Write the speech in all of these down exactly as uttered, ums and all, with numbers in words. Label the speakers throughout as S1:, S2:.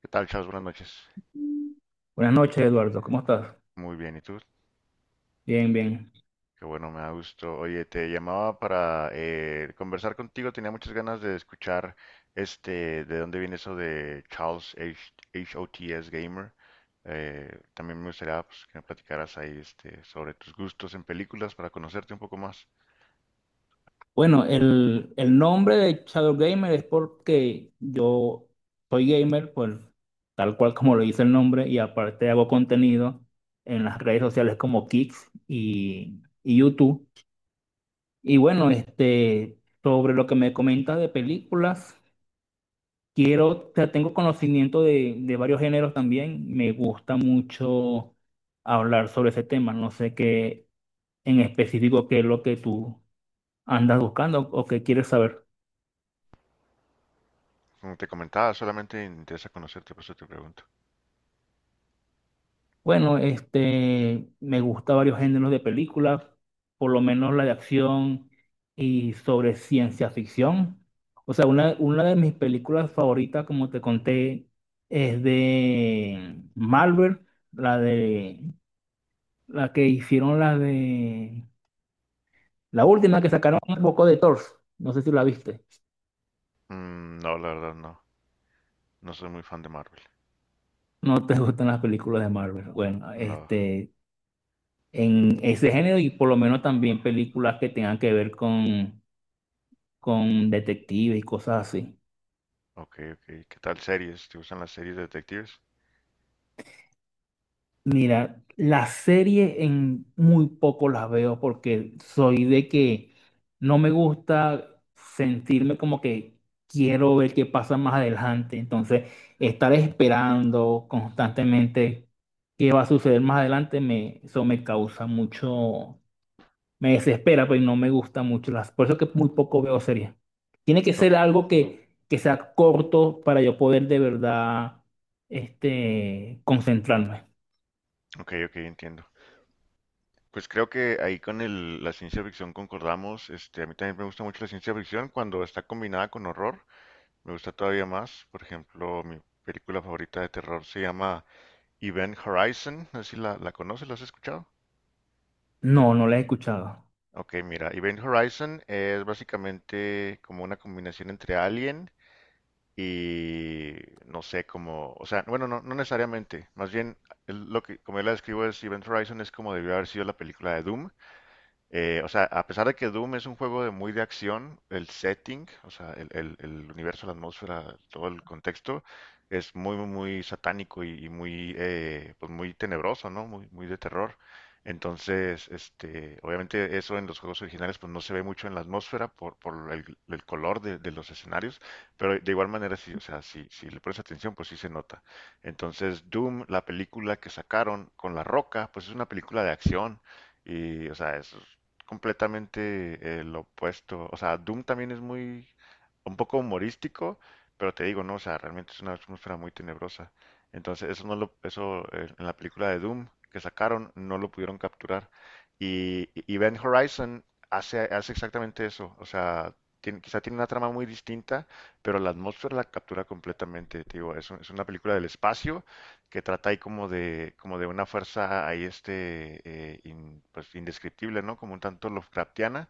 S1: ¿Qué tal, Charles? Buenas noches.
S2: Buenas noches, Eduardo. ¿Cómo estás?
S1: Muy bien, ¿y tú?
S2: Bien, bien.
S1: Qué bueno, me da gusto. Oye, te llamaba para eh, conversar contigo. Tenía muchas ganas de escuchar este, de dónde viene eso de Charles H HOTS Gamer. Eh, también me gustaría, pues, que me platicaras ahí este, sobre tus gustos en películas para conocerte un poco más.
S2: Bueno, el, el nombre de Shadow Gamer es porque yo soy gamer, pues, tal cual como lo dice el nombre, y aparte hago contenido en las redes sociales como Kicks y, y YouTube. Y bueno, este, sobre lo que me comentas de películas, quiero, o sea, tengo conocimiento de, de varios géneros también. Me gusta mucho hablar sobre ese tema. No sé qué en específico qué es lo que tú, ¿andas buscando o qué quieres saber?
S1: Como te comentaba, solamente me interesa conocerte, por eso te pregunto.
S2: Bueno, este, me gusta varios géneros de películas, por lo menos la de acción y sobre ciencia ficción. O sea, una, una de mis películas favoritas, como te conté, es de Marvel, la de la que hicieron, la de la última que sacaron un poco de Thor. No sé si la viste.
S1: Mm, no, la verdad no. No soy muy fan de Marvel.
S2: No te gustan las películas de Marvel. Bueno,
S1: No,
S2: este, en ese género y por lo menos también películas que tengan que ver con, con detectives y cosas así.
S1: ok, ok. ¿Qué tal series? ¿Te gustan las series de detectives?
S2: Mira, las series en muy poco las veo porque soy de que no me gusta sentirme como que quiero ver qué pasa más adelante. Entonces, estar esperando constantemente qué va a suceder más adelante me, eso me causa mucho. Me desespera, pero no me gustan mucho las. Por eso que muy poco veo series. Tiene que ser
S1: Ok,
S2: algo que, que sea corto para yo poder de verdad, este, concentrarme.
S1: ok, ok, entiendo. Pues creo que ahí con el- la ciencia ficción concordamos. Este, a mí también me gusta mucho la ciencia ficción cuando está combinada con horror. Me gusta todavía más. Por ejemplo, mi película favorita de terror se llama Event Horizon. No sé si la, la conoces, ¿la has escuchado?
S2: No, no la he escuchado.
S1: Ok, mira, Event Horizon es básicamente como una combinación entre Alien y no sé, como, o sea, bueno, no, no necesariamente. Más bien, el- lo que, como yo la describo es Event Horizon es como debió haber sido la película de Doom. Eh, o sea, a pesar de que Doom es un juego de muy de acción, el setting, o sea, el, el- el universo, la atmósfera, todo el contexto, es muy, muy, muy satánico y, y muy, eh, pues muy tenebroso, ¿no? Muy, muy de terror. Entonces, este, obviamente eso en los juegos originales pues no se ve mucho en la atmósfera por, por el, el color de, de los escenarios, pero de igual manera sí, o sea, si, si le pones atención pues sí se nota. Entonces, Doom, la película que sacaron con La Roca, pues es una película de acción. Y, o sea, es completamente eh, lo opuesto. O sea, Doom también es muy, un poco humorístico, pero te digo, no, o sea, realmente es una atmósfera muy tenebrosa. Entonces, eso no lo, eso eh, en la película de Doom que sacaron, no lo pudieron capturar. Y, y Event Horizon hace, hace exactamente eso. O sea, tiene- quizá tiene una trama muy distinta, pero la atmósfera la captura completamente. Te digo, es, un- es una película del espacio, que trata ahí como de, como de una fuerza ahí este, eh, in- pues indescriptible, ¿no? Como un tanto Lovecraftiana,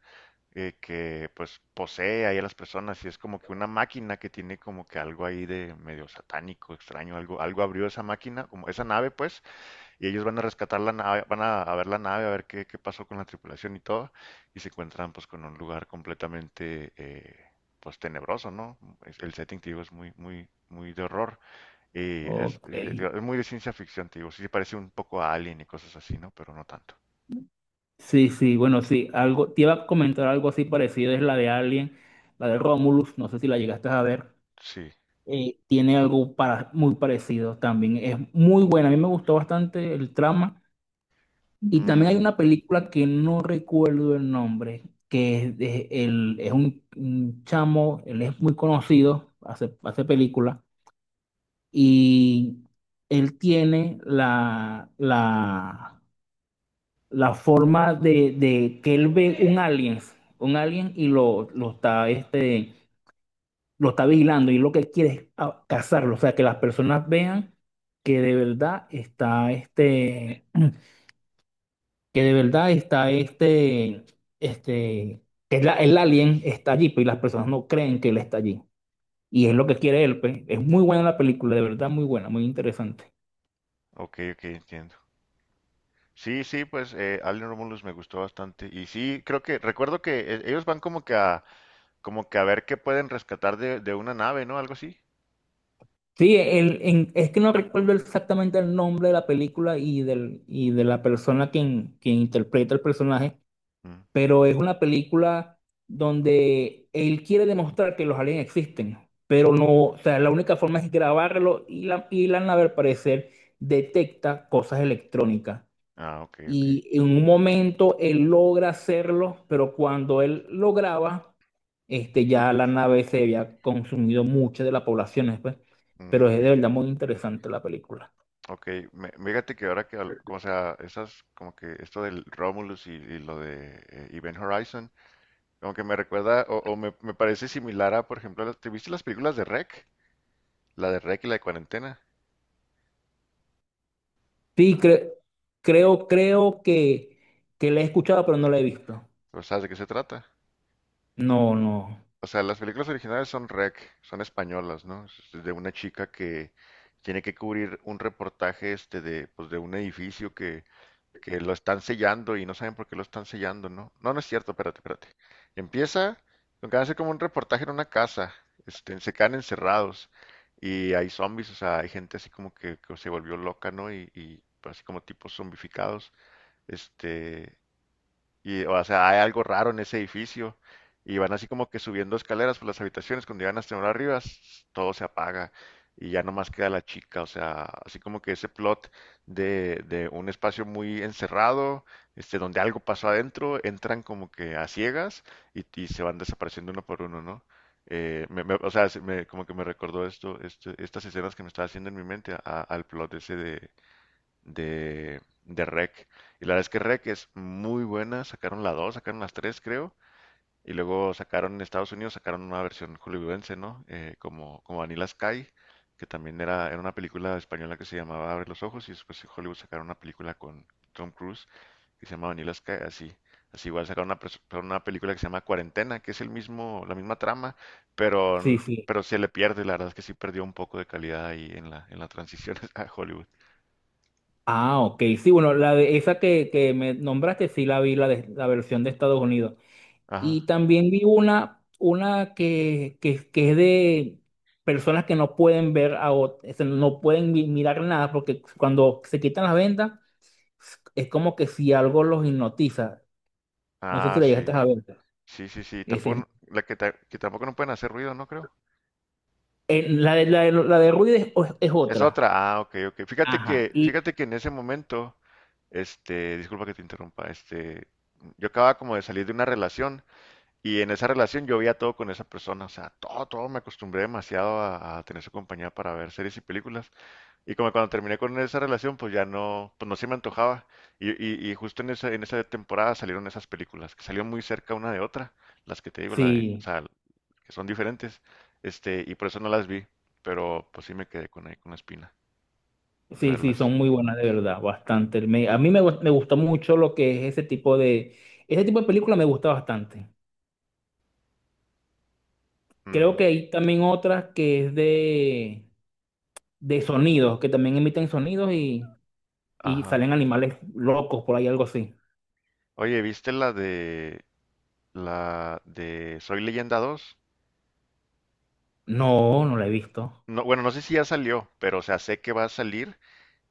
S1: eh, que pues posee ahí a las personas y es como que una máquina que tiene como que algo ahí de medio satánico, extraño, algo, algo abrió esa máquina, como esa nave pues, y ellos van a rescatar la nave, van a, a ver la nave, a ver qué, qué pasó con la tripulación y todo, y se encuentran pues con un lugar completamente eh, pues tenebroso, ¿no? Es- El setting, te digo, es muy, muy, muy de horror. Y es,
S2: Ok.
S1: es- es muy de ciencia ficción, te digo. Sí, se parece un poco a Alien y cosas así, ¿no? Pero no tanto.
S2: Sí, sí, bueno, sí. Algo, te iba a comentar algo así parecido, es la de Alien, la de Romulus, no sé si la llegaste a ver.
S1: Sí.
S2: Eh, tiene algo para, muy parecido también. Es muy buena. A mí me gustó bastante el trama. Y también hay
S1: Mm,
S2: una película que no recuerdo el nombre, que es, de- el, es un, un chamo, él es muy conocido, hace, hace películas, y él tiene la, la, la forma de, de que él ve un alien, un alien y lo, lo está, este, lo está vigilando y lo que quiere es a- cazarlo, o sea, que las personas vean que de verdad está este... que de verdad está este, este, que es la- el alien está allí, pero las personas no creen que él está allí. Y es lo que quiere él, pues. Es muy buena la película, de verdad, muy buena, muy interesante.
S1: ok, ok, entiendo. Sí, sí, pues eh, Alien Romulus me gustó bastante. Y sí, creo que, recuerdo que eh, ellos van como que a, como que a ver qué pueden rescatar de, de una nave, ¿no? Algo así.
S2: Sí, el, en- es que no recuerdo exactamente el nombre de la película y, del, y de la persona quien, quien interpreta el personaje,
S1: Mm.
S2: pero es una película donde él quiere demostrar que los aliens existen, pero no, o sea, la única forma es grabarlo y la, y la nave al parecer detecta cosas electrónicas.
S1: Ah, ok, ok.
S2: Y en un momento él logra hacerlo, pero cuando él lograba, este, ya la nave se había consumido mucha de la población, ¿no? Pues.
S1: Mm,
S2: Pero es
S1: ok,
S2: de verdad muy interesante la película.
S1: ok. Me- fíjate que ahora que, al- como sea, esas, como que esto del Romulus y, y lo de eh, Event Horizon. Como que me recuerda, o, o me, me parece similar a, por ejemplo, las- ¿te viste las películas de R E C? La de R E C y la de Cuarentena.
S2: Sí, cre- creo, creo que, que la he escuchado, pero no la he visto.
S1: ¿O sabes de qué se trata?
S2: No, no.
S1: O sea, las películas originales son R E C, son españolas, ¿no? Es de una chica que tiene que cubrir un reportaje este de, pues, de un edificio que, que lo están sellando y no saben por qué lo están sellando, ¿no? No, no es cierto, espérate, espérate. Empieza con que hace como un reportaje en una casa, este, se quedan encerrados y hay zombies, o sea, hay gente así como que, que se volvió loca, ¿no? Y, y así como tipos zombificados, este, y, o sea, hay algo raro en ese edificio. Y van así como que subiendo escaleras por las habitaciones. Cuando llegan hasta una arriba, s- todo se apaga. Y ya nomás queda la chica. O sea, así como que ese plot de, de un espacio muy encerrado, este, donde algo pasó adentro, entran como que a ciegas y, y se van desapareciendo uno por uno, ¿no? Eh, me- me- o sea, se me- como que me recordó esto, este- estas escenas que me estaba haciendo en mi mente a- al plot ese de, de, de R E C. Y la verdad es que R E C es muy buena. Sacaron la dos sacaron las tres creo. Y luego sacaron en Estados Unidos, sacaron una versión hollywoodense, ¿no? Eh, como, como Vanilla Sky, que también era, era una película española que se llamaba Abre los ojos. Y después en Hollywood sacaron una película con Tom Cruise que se llama Vanilla Sky, así. Así igual sacaron una, pres- una película que se llama Cuarentena, que es el mismo, la misma trama,
S2: Sí,
S1: pero,
S2: sí.
S1: pero se le pierde, la verdad es que sí perdió un poco de calidad ahí en la, en la transición a Hollywood.
S2: Ah, ok. Sí, bueno, la de esa que, que me nombraste, sí la vi, la, de, la versión de Estados Unidos. Y
S1: Ajá.
S2: también vi una, una que, que, que es de personas que no pueden ver a otras, no pueden mi- mirar nada, porque cuando se quitan las vendas, es como que si algo los hipnotiza. No sé
S1: Ah,
S2: si la
S1: sí.
S2: llegaste a ver.
S1: Sí, sí, sí,
S2: Ese es-
S1: tampoco, la que, ta- que tampoco no pueden hacer ruido, ¿no creo?
S2: eh, la de, la de, la de Ruiz es, es
S1: Es
S2: otra.
S1: otra, ah, ok, ok. Fíjate
S2: Ajá.
S1: que,
S2: Y
S1: fíjate que en ese momento, este, disculpa que te interrumpa, este, yo acababa como de salir de una relación y en esa relación yo veía todo con esa persona, o sea, todo, todo, me acostumbré demasiado a, a tener su compañía para ver series y películas y como cuando terminé con esa relación, pues ya no, pues no se me antojaba y, y, y justo en esa, en esa temporada salieron esas películas, que salieron muy cerca una de otra, las que te digo, la de, o
S2: sí,
S1: sea, que son diferentes, este, y por eso no las vi, pero pues sí me quedé con, ahí con la espina de
S2: sí, sí,
S1: verlas.
S2: son muy buenas de verdad, bastante. Me- a mí me, gu- me gustó mucho lo que es ese tipo de, ese tipo de película me gusta bastante. Creo
S1: Ujú.
S2: que hay también otras que es de de sonidos, que también emiten sonidos y, y
S1: Ajá.
S2: salen animales locos por ahí, algo así.
S1: Oye, ¿viste la de la de Soy Leyenda dos?
S2: No, no la he visto.
S1: No, bueno, no sé si ya salió, pero o sea, sé que va a salir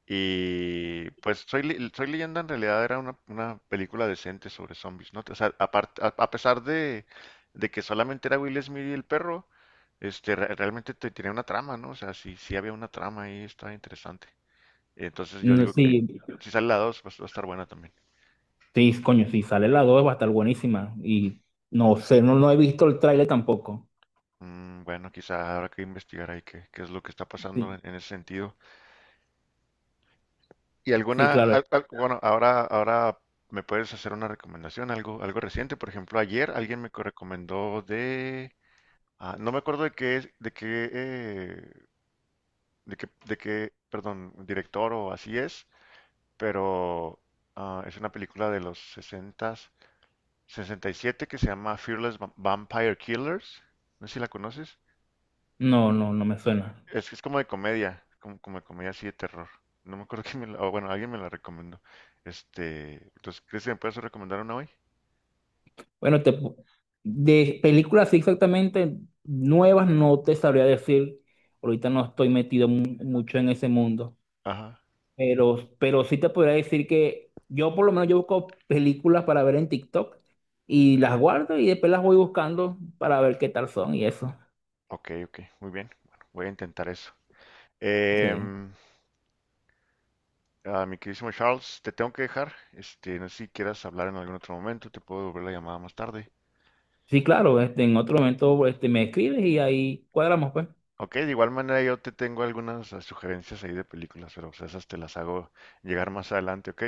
S1: y pues Soy, Le- Soy Leyenda en realidad era una, una película decente sobre zombies, ¿no? O sea, apart- a, a pesar de, de que solamente era Will Smith y el perro, este re- realmente te- tenía una trama, ¿no? O sea, sí, sí había una trama ahí, estaba interesante. Entonces yo
S2: No,
S1: digo que
S2: sí,
S1: si sale la dos pues va a estar buena también.
S2: sí, coño, si sale la dos va a estar buenísima. Y no sé, no, no he visto el tráiler tampoco.
S1: Mm, bueno, quizá habrá que investigar ahí qué, qué es lo que está pasando
S2: Sí,
S1: en, en ese sentido. Y
S2: sí,
S1: alguna,
S2: claro.
S1: al- al- bueno, ahora, ahora me puedes hacer una recomendación, algo, algo reciente. Por ejemplo, ayer alguien me co- recomendó de, ah, no me acuerdo de qué, es- de qué, eh, de qué, de qué, perdón, director o así es, pero ah, es una película de los sesenta sesenta y siete que se llama Fearless Va- Vampire Killers. No sé si la conoces.
S2: No, no, no me suena.
S1: Es, es como de comedia, como, como de comedia así de terror. No me acuerdo quién me la, o bueno, alguien me la recomendó. Este, entonces, ¿crees que me puedes recomendar una hoy?
S2: Bueno, te, pu- de películas sí, exactamente nuevas no te sabría decir. Ahorita no estoy metido mu- mucho en ese mundo.
S1: Ajá,
S2: Pero, pero sí te podría decir que yo por lo menos yo busco películas para ver en TikTok y las guardo y después las voy buscando para ver qué tal son y eso.
S1: ok, ok, muy bien. Bueno, voy a intentar eso.
S2: Sí,
S1: Em, ah, mi queridísimo Charles, te tengo que dejar. Este, no sé si quieras hablar en algún otro momento, te puedo devolver la llamada más tarde.
S2: sí, claro, este, en otro momento, este, me escribes y ahí cuadramos, pues.
S1: Ok, de igual manera yo te tengo algunas eh, sugerencias ahí de películas, pero pues, esas te las hago llegar más adelante, ok.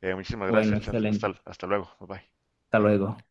S1: Eh, muchísimas
S2: Bueno,
S1: gracias, Charles. Hasta,
S2: excelente.
S1: hasta luego, bye bye.
S2: Hasta luego.